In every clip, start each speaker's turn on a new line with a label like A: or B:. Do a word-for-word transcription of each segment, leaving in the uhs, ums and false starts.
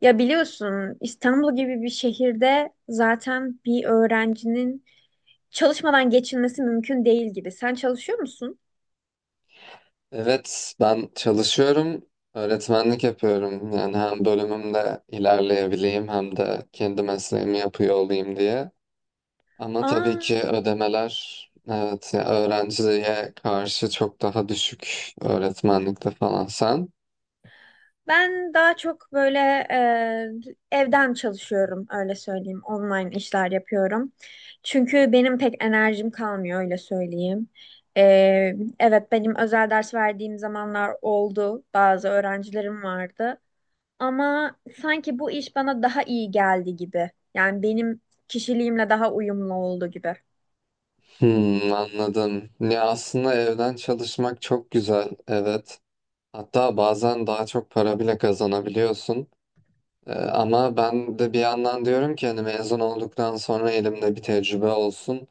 A: Ya biliyorsun İstanbul gibi bir şehirde zaten bir öğrencinin çalışmadan geçinmesi mümkün değil gibi. Sen çalışıyor musun?
B: Evet, ben çalışıyorum, öğretmenlik yapıyorum. Yani hem bölümümde ilerleyebileyim hem de kendi mesleğimi yapıyor olayım diye. Ama tabii
A: Aa,
B: ki ödemeler, evet, ya öğrenciye karşı çok daha düşük öğretmenlikte falan. Sen?
A: ben daha çok böyle e, evden çalışıyorum öyle söyleyeyim. Online işler yapıyorum. Çünkü benim pek enerjim kalmıyor öyle söyleyeyim. E, evet, benim özel ders verdiğim zamanlar oldu. Bazı öğrencilerim vardı. Ama sanki bu iş bana daha iyi geldi gibi. Yani benim kişiliğimle daha uyumlu oldu gibi.
B: Hmm, anladım. Ya aslında evden çalışmak çok güzel, evet. Hatta bazen daha çok para bile kazanabiliyorsun. Ee, ama ben de bir yandan diyorum ki hani mezun olduktan sonra elimde bir tecrübe olsun.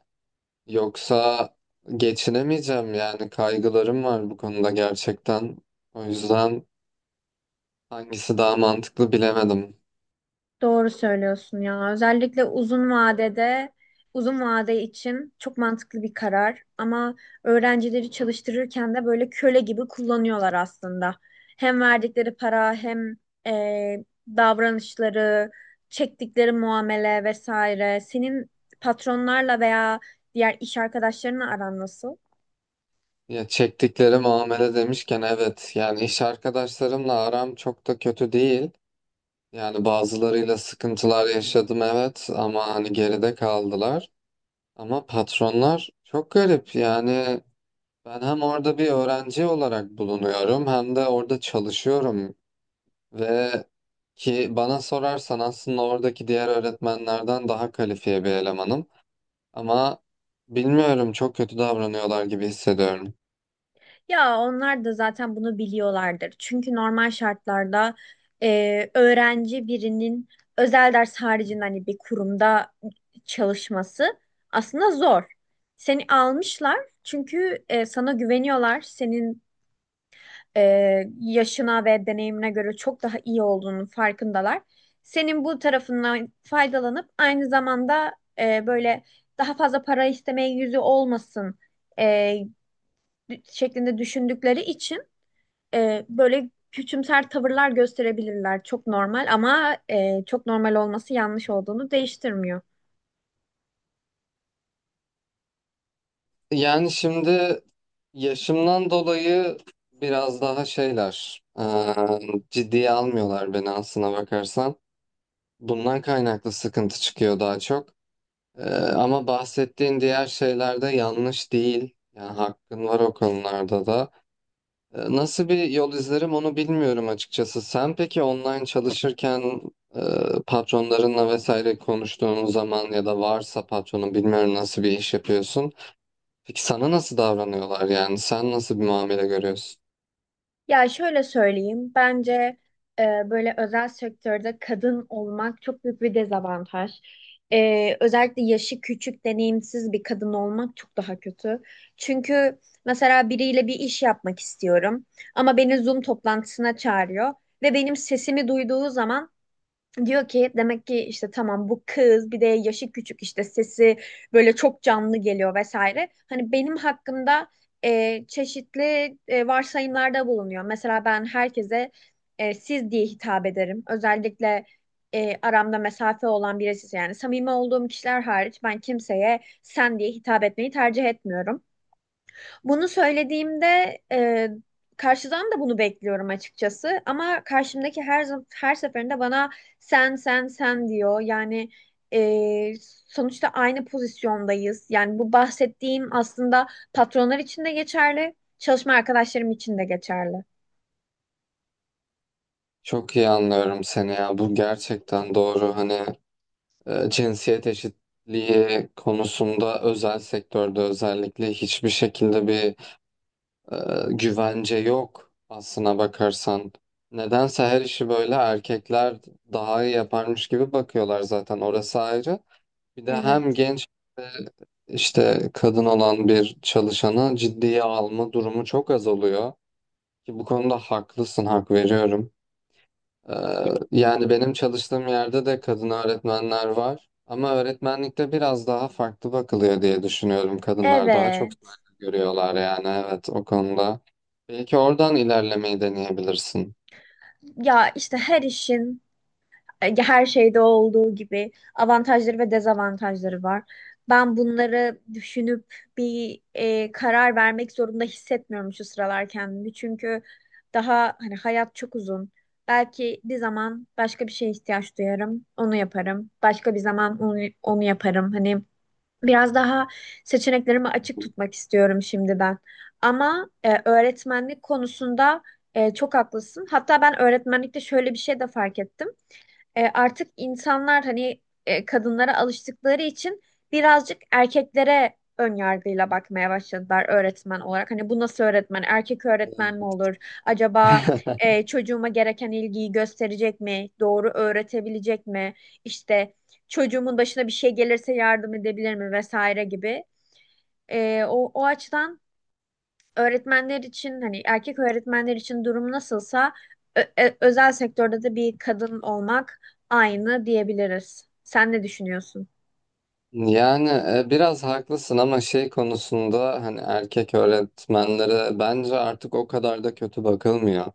B: Yoksa geçinemeyeceğim yani kaygılarım var bu konuda gerçekten. O yüzden hangisi daha mantıklı bilemedim.
A: Doğru söylüyorsun ya. Özellikle uzun vadede, uzun vade için çok mantıklı bir karar. Ama öğrencileri çalıştırırken de böyle köle gibi kullanıyorlar aslında. Hem verdikleri para hem eee, davranışları, çektikleri muamele vesaire. Senin patronlarla veya diğer iş arkadaşlarınla aran nasıl?
B: Ya çektikleri muamele demişken evet yani iş arkadaşlarımla aram çok da kötü değil. Yani bazılarıyla sıkıntılar yaşadım evet ama hani geride kaldılar. Ama patronlar çok garip yani ben hem orada bir öğrenci olarak bulunuyorum hem de orada çalışıyorum. Ve ki bana sorarsan aslında oradaki diğer öğretmenlerden daha kalifiye bir elemanım. Ama bilmiyorum çok kötü davranıyorlar gibi hissediyorum.
A: Ya onlar da zaten bunu biliyorlardır. Çünkü normal şartlarda e, öğrenci birinin özel ders haricinde hani bir kurumda çalışması aslında zor. Seni almışlar çünkü e, sana güveniyorlar. Senin e, yaşına ve deneyimine göre çok daha iyi olduğunun farkındalar. Senin bu tarafından faydalanıp aynı zamanda e, böyle daha fazla para istemeye yüzü olmasın e, şeklinde düşündükleri için e, böyle küçümser tavırlar gösterebilirler. Çok normal ama e, çok normal olması yanlış olduğunu değiştirmiyor.
B: Yani şimdi yaşımdan dolayı biraz daha şeyler eee, ciddiye almıyorlar beni aslına bakarsan. Bundan kaynaklı sıkıntı çıkıyor daha çok. Eee, Ama bahsettiğin diğer şeyler de yanlış değil. Yani hakkın var o konularda da. E, Nasıl bir yol izlerim onu bilmiyorum açıkçası. Sen peki online çalışırken e, patronlarınla vesaire konuştuğun zaman ya da varsa patronun bilmiyorum nasıl bir iş yapıyorsun. Peki sana nasıl davranıyorlar yani? Sen nasıl bir muamele görüyorsun?
A: Ya şöyle söyleyeyim, bence e, böyle özel sektörde kadın olmak çok büyük bir dezavantaj. E, özellikle yaşı küçük, deneyimsiz bir kadın olmak çok daha kötü. Çünkü mesela biriyle bir iş yapmak istiyorum ama beni Zoom toplantısına çağırıyor ve benim sesimi duyduğu zaman diyor ki demek ki işte tamam bu kız bir de yaşı küçük, işte sesi böyle çok canlı geliyor vesaire. Hani benim hakkımda e, çeşitli e, varsayımlarda bulunuyor. Mesela ben herkese e, siz diye hitap ederim. Özellikle e, aramda mesafe olan birisi yani samimi olduğum kişiler hariç ben kimseye sen diye hitap etmeyi tercih etmiyorum. Bunu söylediğimde e, karşıdan da bunu bekliyorum açıkçası. Ama karşımdaki her zam- her seferinde bana sen, sen, sen diyor. Yani e, sonuçta aynı pozisyondayız. Yani bu bahsettiğim aslında patronlar için de geçerli, çalışma arkadaşlarım için de geçerli.
B: Çok iyi anlıyorum seni ya. Bu gerçekten doğru. Hani e, cinsiyet eşitliği konusunda özel sektörde özellikle hiçbir şekilde bir e, güvence yok aslına bakarsan. Nedense her işi böyle erkekler daha iyi yaparmış gibi bakıyorlar zaten orası ayrı. Bir de hem
A: Evet.
B: genç işte kadın olan bir çalışanı ciddiye alma durumu çok az oluyor. Ki bu konuda haklısın, hak veriyorum. Ee, Yani benim çalıştığım yerde de kadın öğretmenler var. Ama öğretmenlikte biraz daha farklı bakılıyor diye düşünüyorum. Kadınlar daha çok
A: Evet.
B: saygı görüyorlar yani evet o konuda. Belki oradan ilerlemeyi deneyebilirsin.
A: Ya işte her işin e, her şeyde olduğu gibi avantajları ve dezavantajları var. Ben bunları düşünüp bir e, karar vermek zorunda hissetmiyorum şu sıralar kendimi. Çünkü daha hani hayat çok uzun. Belki bir zaman başka bir şeye ihtiyaç duyarım, onu yaparım. Başka bir zaman onu, onu yaparım. Hani biraz daha seçeneklerimi açık tutmak istiyorum şimdi ben. Ama e, öğretmenlik konusunda e, çok haklısın. Hatta ben öğretmenlikte şöyle bir şey de fark ettim, e, artık insanlar hani e, kadınlara alıştıkları için birazcık erkeklere ön yargıyla bakmaya başladılar öğretmen olarak. Hani bu nasıl öğretmen? Erkek öğretmen mi olur? Acaba e, çocuğuma gereken ilgiyi gösterecek mi? Doğru öğretebilecek mi? İşte çocuğumun başına bir şey gelirse yardım edebilir mi vesaire gibi. E, o, o açıdan öğretmenler için hani erkek öğretmenler için durum nasılsa ö- ö- özel sektörde de bir kadın olmak aynı diyebiliriz. Sen ne düşünüyorsun?
B: Yani e, biraz haklısın ama şey konusunda hani erkek öğretmenlere bence artık o kadar da kötü bakılmıyor.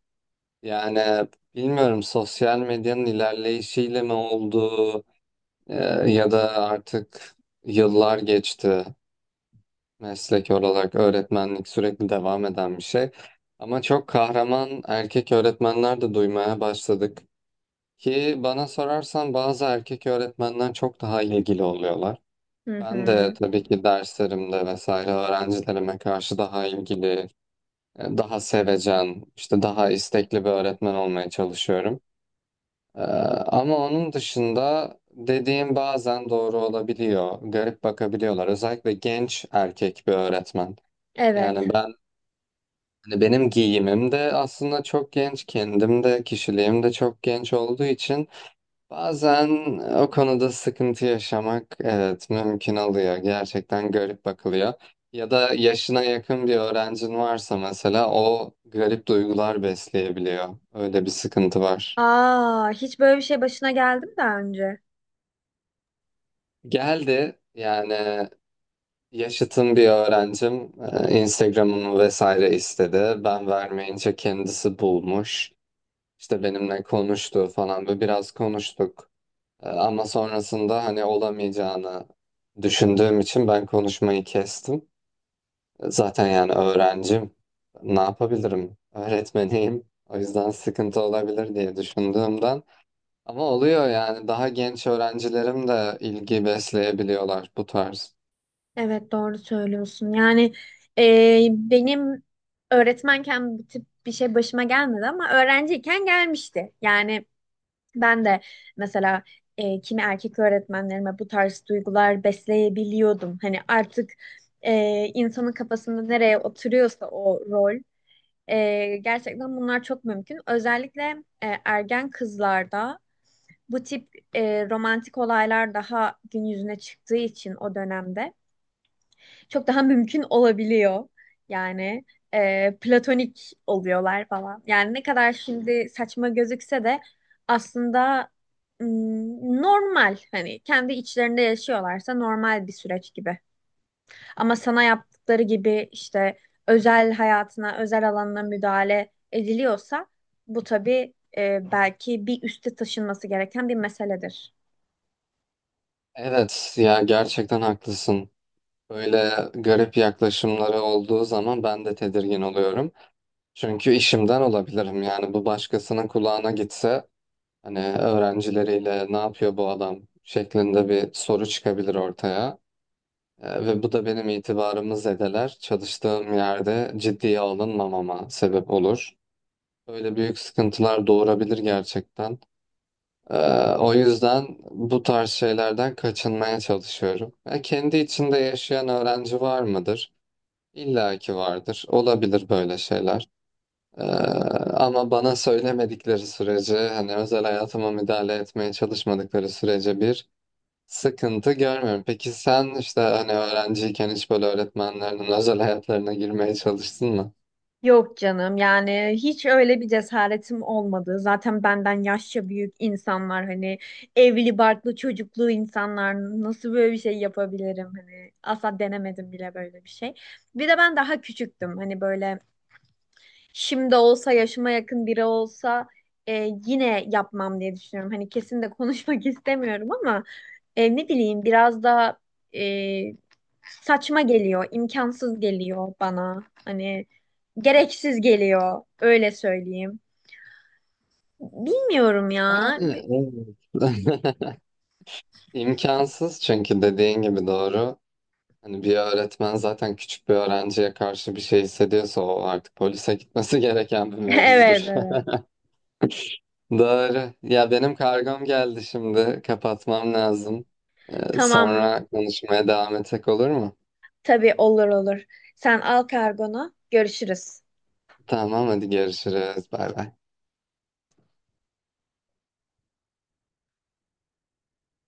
B: Yani bilmiyorum sosyal medyanın ilerleyişiyle mi oldu? Ee, Ya da artık yıllar geçti meslek olarak öğretmenlik sürekli devam eden bir şey. Ama çok kahraman erkek öğretmenler de duymaya başladık. Ki bana sorarsan bazı erkek öğretmenler çok daha ilgili oluyorlar.
A: Hı
B: Ben de
A: hı.
B: tabii ki derslerimde vesaire öğrencilerime karşı daha ilgili, daha sevecen, işte daha istekli bir öğretmen olmaya çalışıyorum. Ee, Ama onun dışında dediğim bazen doğru olabiliyor. Garip bakabiliyorlar. Özellikle genç erkek bir öğretmen. Yani
A: Evet.
B: ben hani benim giyimim de aslında çok genç, kendim de kişiliğim de çok genç olduğu için bazen o konuda sıkıntı yaşamak evet mümkün oluyor. Gerçekten garip bakılıyor. Ya da yaşına yakın bir öğrencin varsa mesela o garip duygular besleyebiliyor. Öyle bir sıkıntı var.
A: Aa, hiç böyle bir şey başına geldi mi daha önce?
B: Geldi yani. Yaşıtım bir öğrencim e, Instagram'ımı vesaire istedi. Ben vermeyince kendisi bulmuş. İşte benimle konuştu falan ve biraz konuştuk. E, Ama sonrasında hani olamayacağını düşündüğüm için ben konuşmayı kestim. E, Zaten yani öğrencim, ne yapabilirim? Öğretmeniyim. O yüzden sıkıntı olabilir diye düşündüğümden. Ama oluyor yani daha genç öğrencilerim de ilgi besleyebiliyorlar bu tarz.
A: Evet, doğru söylüyorsun. Yani e, benim öğretmenken bu tip bir şey başıma gelmedi ama öğrenciyken gelmişti. Yani ben de mesela e, kimi erkek öğretmenlerime bu tarz duygular besleyebiliyordum. Hani artık e, insanın kafasında nereye oturuyorsa o rol e, gerçekten bunlar çok mümkün. Özellikle e, ergen kızlarda bu tip e, romantik olaylar daha gün yüzüne çıktığı için o dönemde çok daha mümkün olabiliyor. Yani e, platonik oluyorlar falan. Yani ne kadar şimdi saçma gözükse de aslında mm, normal, hani kendi içlerinde yaşıyorlarsa normal bir süreç gibi. Ama sana yaptıkları gibi işte özel hayatına, özel alanına müdahale ediliyorsa bu tabii, e, belki bir üste taşınması gereken bir meseledir.
B: Evet ya gerçekten haklısın. Böyle garip yaklaşımları olduğu zaman ben de tedirgin oluyorum. Çünkü işimden olabilirim. Yani bu başkasının kulağına gitse hani öğrencileriyle ne yapıyor bu adam şeklinde bir soru çıkabilir ortaya. Ee, Ve bu da benim itibarımı zedeler. Çalıştığım yerde ciddiye alınmamama sebep olur. Böyle büyük sıkıntılar doğurabilir gerçekten. Ee, o yüzden bu tarz şeylerden kaçınmaya çalışıyorum. Ya kendi içinde yaşayan öğrenci var mıdır? İlla ki vardır. Olabilir böyle şeyler. Ee, Ama bana söylemedikleri sürece, hani özel hayatıma müdahale etmeye çalışmadıkları sürece bir sıkıntı görmüyorum. Peki sen işte hani öğrenciyken hiç böyle öğretmenlerinin özel hayatlarına girmeye çalıştın mı?
A: Yok canım, yani hiç öyle bir cesaretim olmadı. Zaten benden yaşça büyük insanlar, hani evli barklı çocuklu insanlar, nasıl böyle bir şey yapabilirim, hani asla denemedim bile böyle bir şey. Bir de ben daha küçüktüm hani böyle. Şimdi olsa, yaşıma yakın biri olsa, e, yine yapmam diye düşünüyorum. Hani kesin de konuşmak istemiyorum ama e, ne bileyim, biraz daha e, saçma geliyor, imkansız geliyor bana. Hani gereksiz geliyor öyle söyleyeyim. Bilmiyorum ya.
B: Yani, evet. İmkansız çünkü dediğin gibi doğru. Hani bir öğretmen zaten küçük bir öğrenciye karşı bir şey hissediyorsa o artık polise gitmesi gereken bir mevzudur.
A: Evet, evet.
B: Doğru. Ya benim kargom geldi şimdi. Kapatmam lazım. Ee,
A: Tamam,
B: Sonra konuşmaya devam etsek olur mu?
A: tabii, olur olur. Sen al kargonu, görüşürüz.
B: Tamam hadi görüşürüz. Bay bay.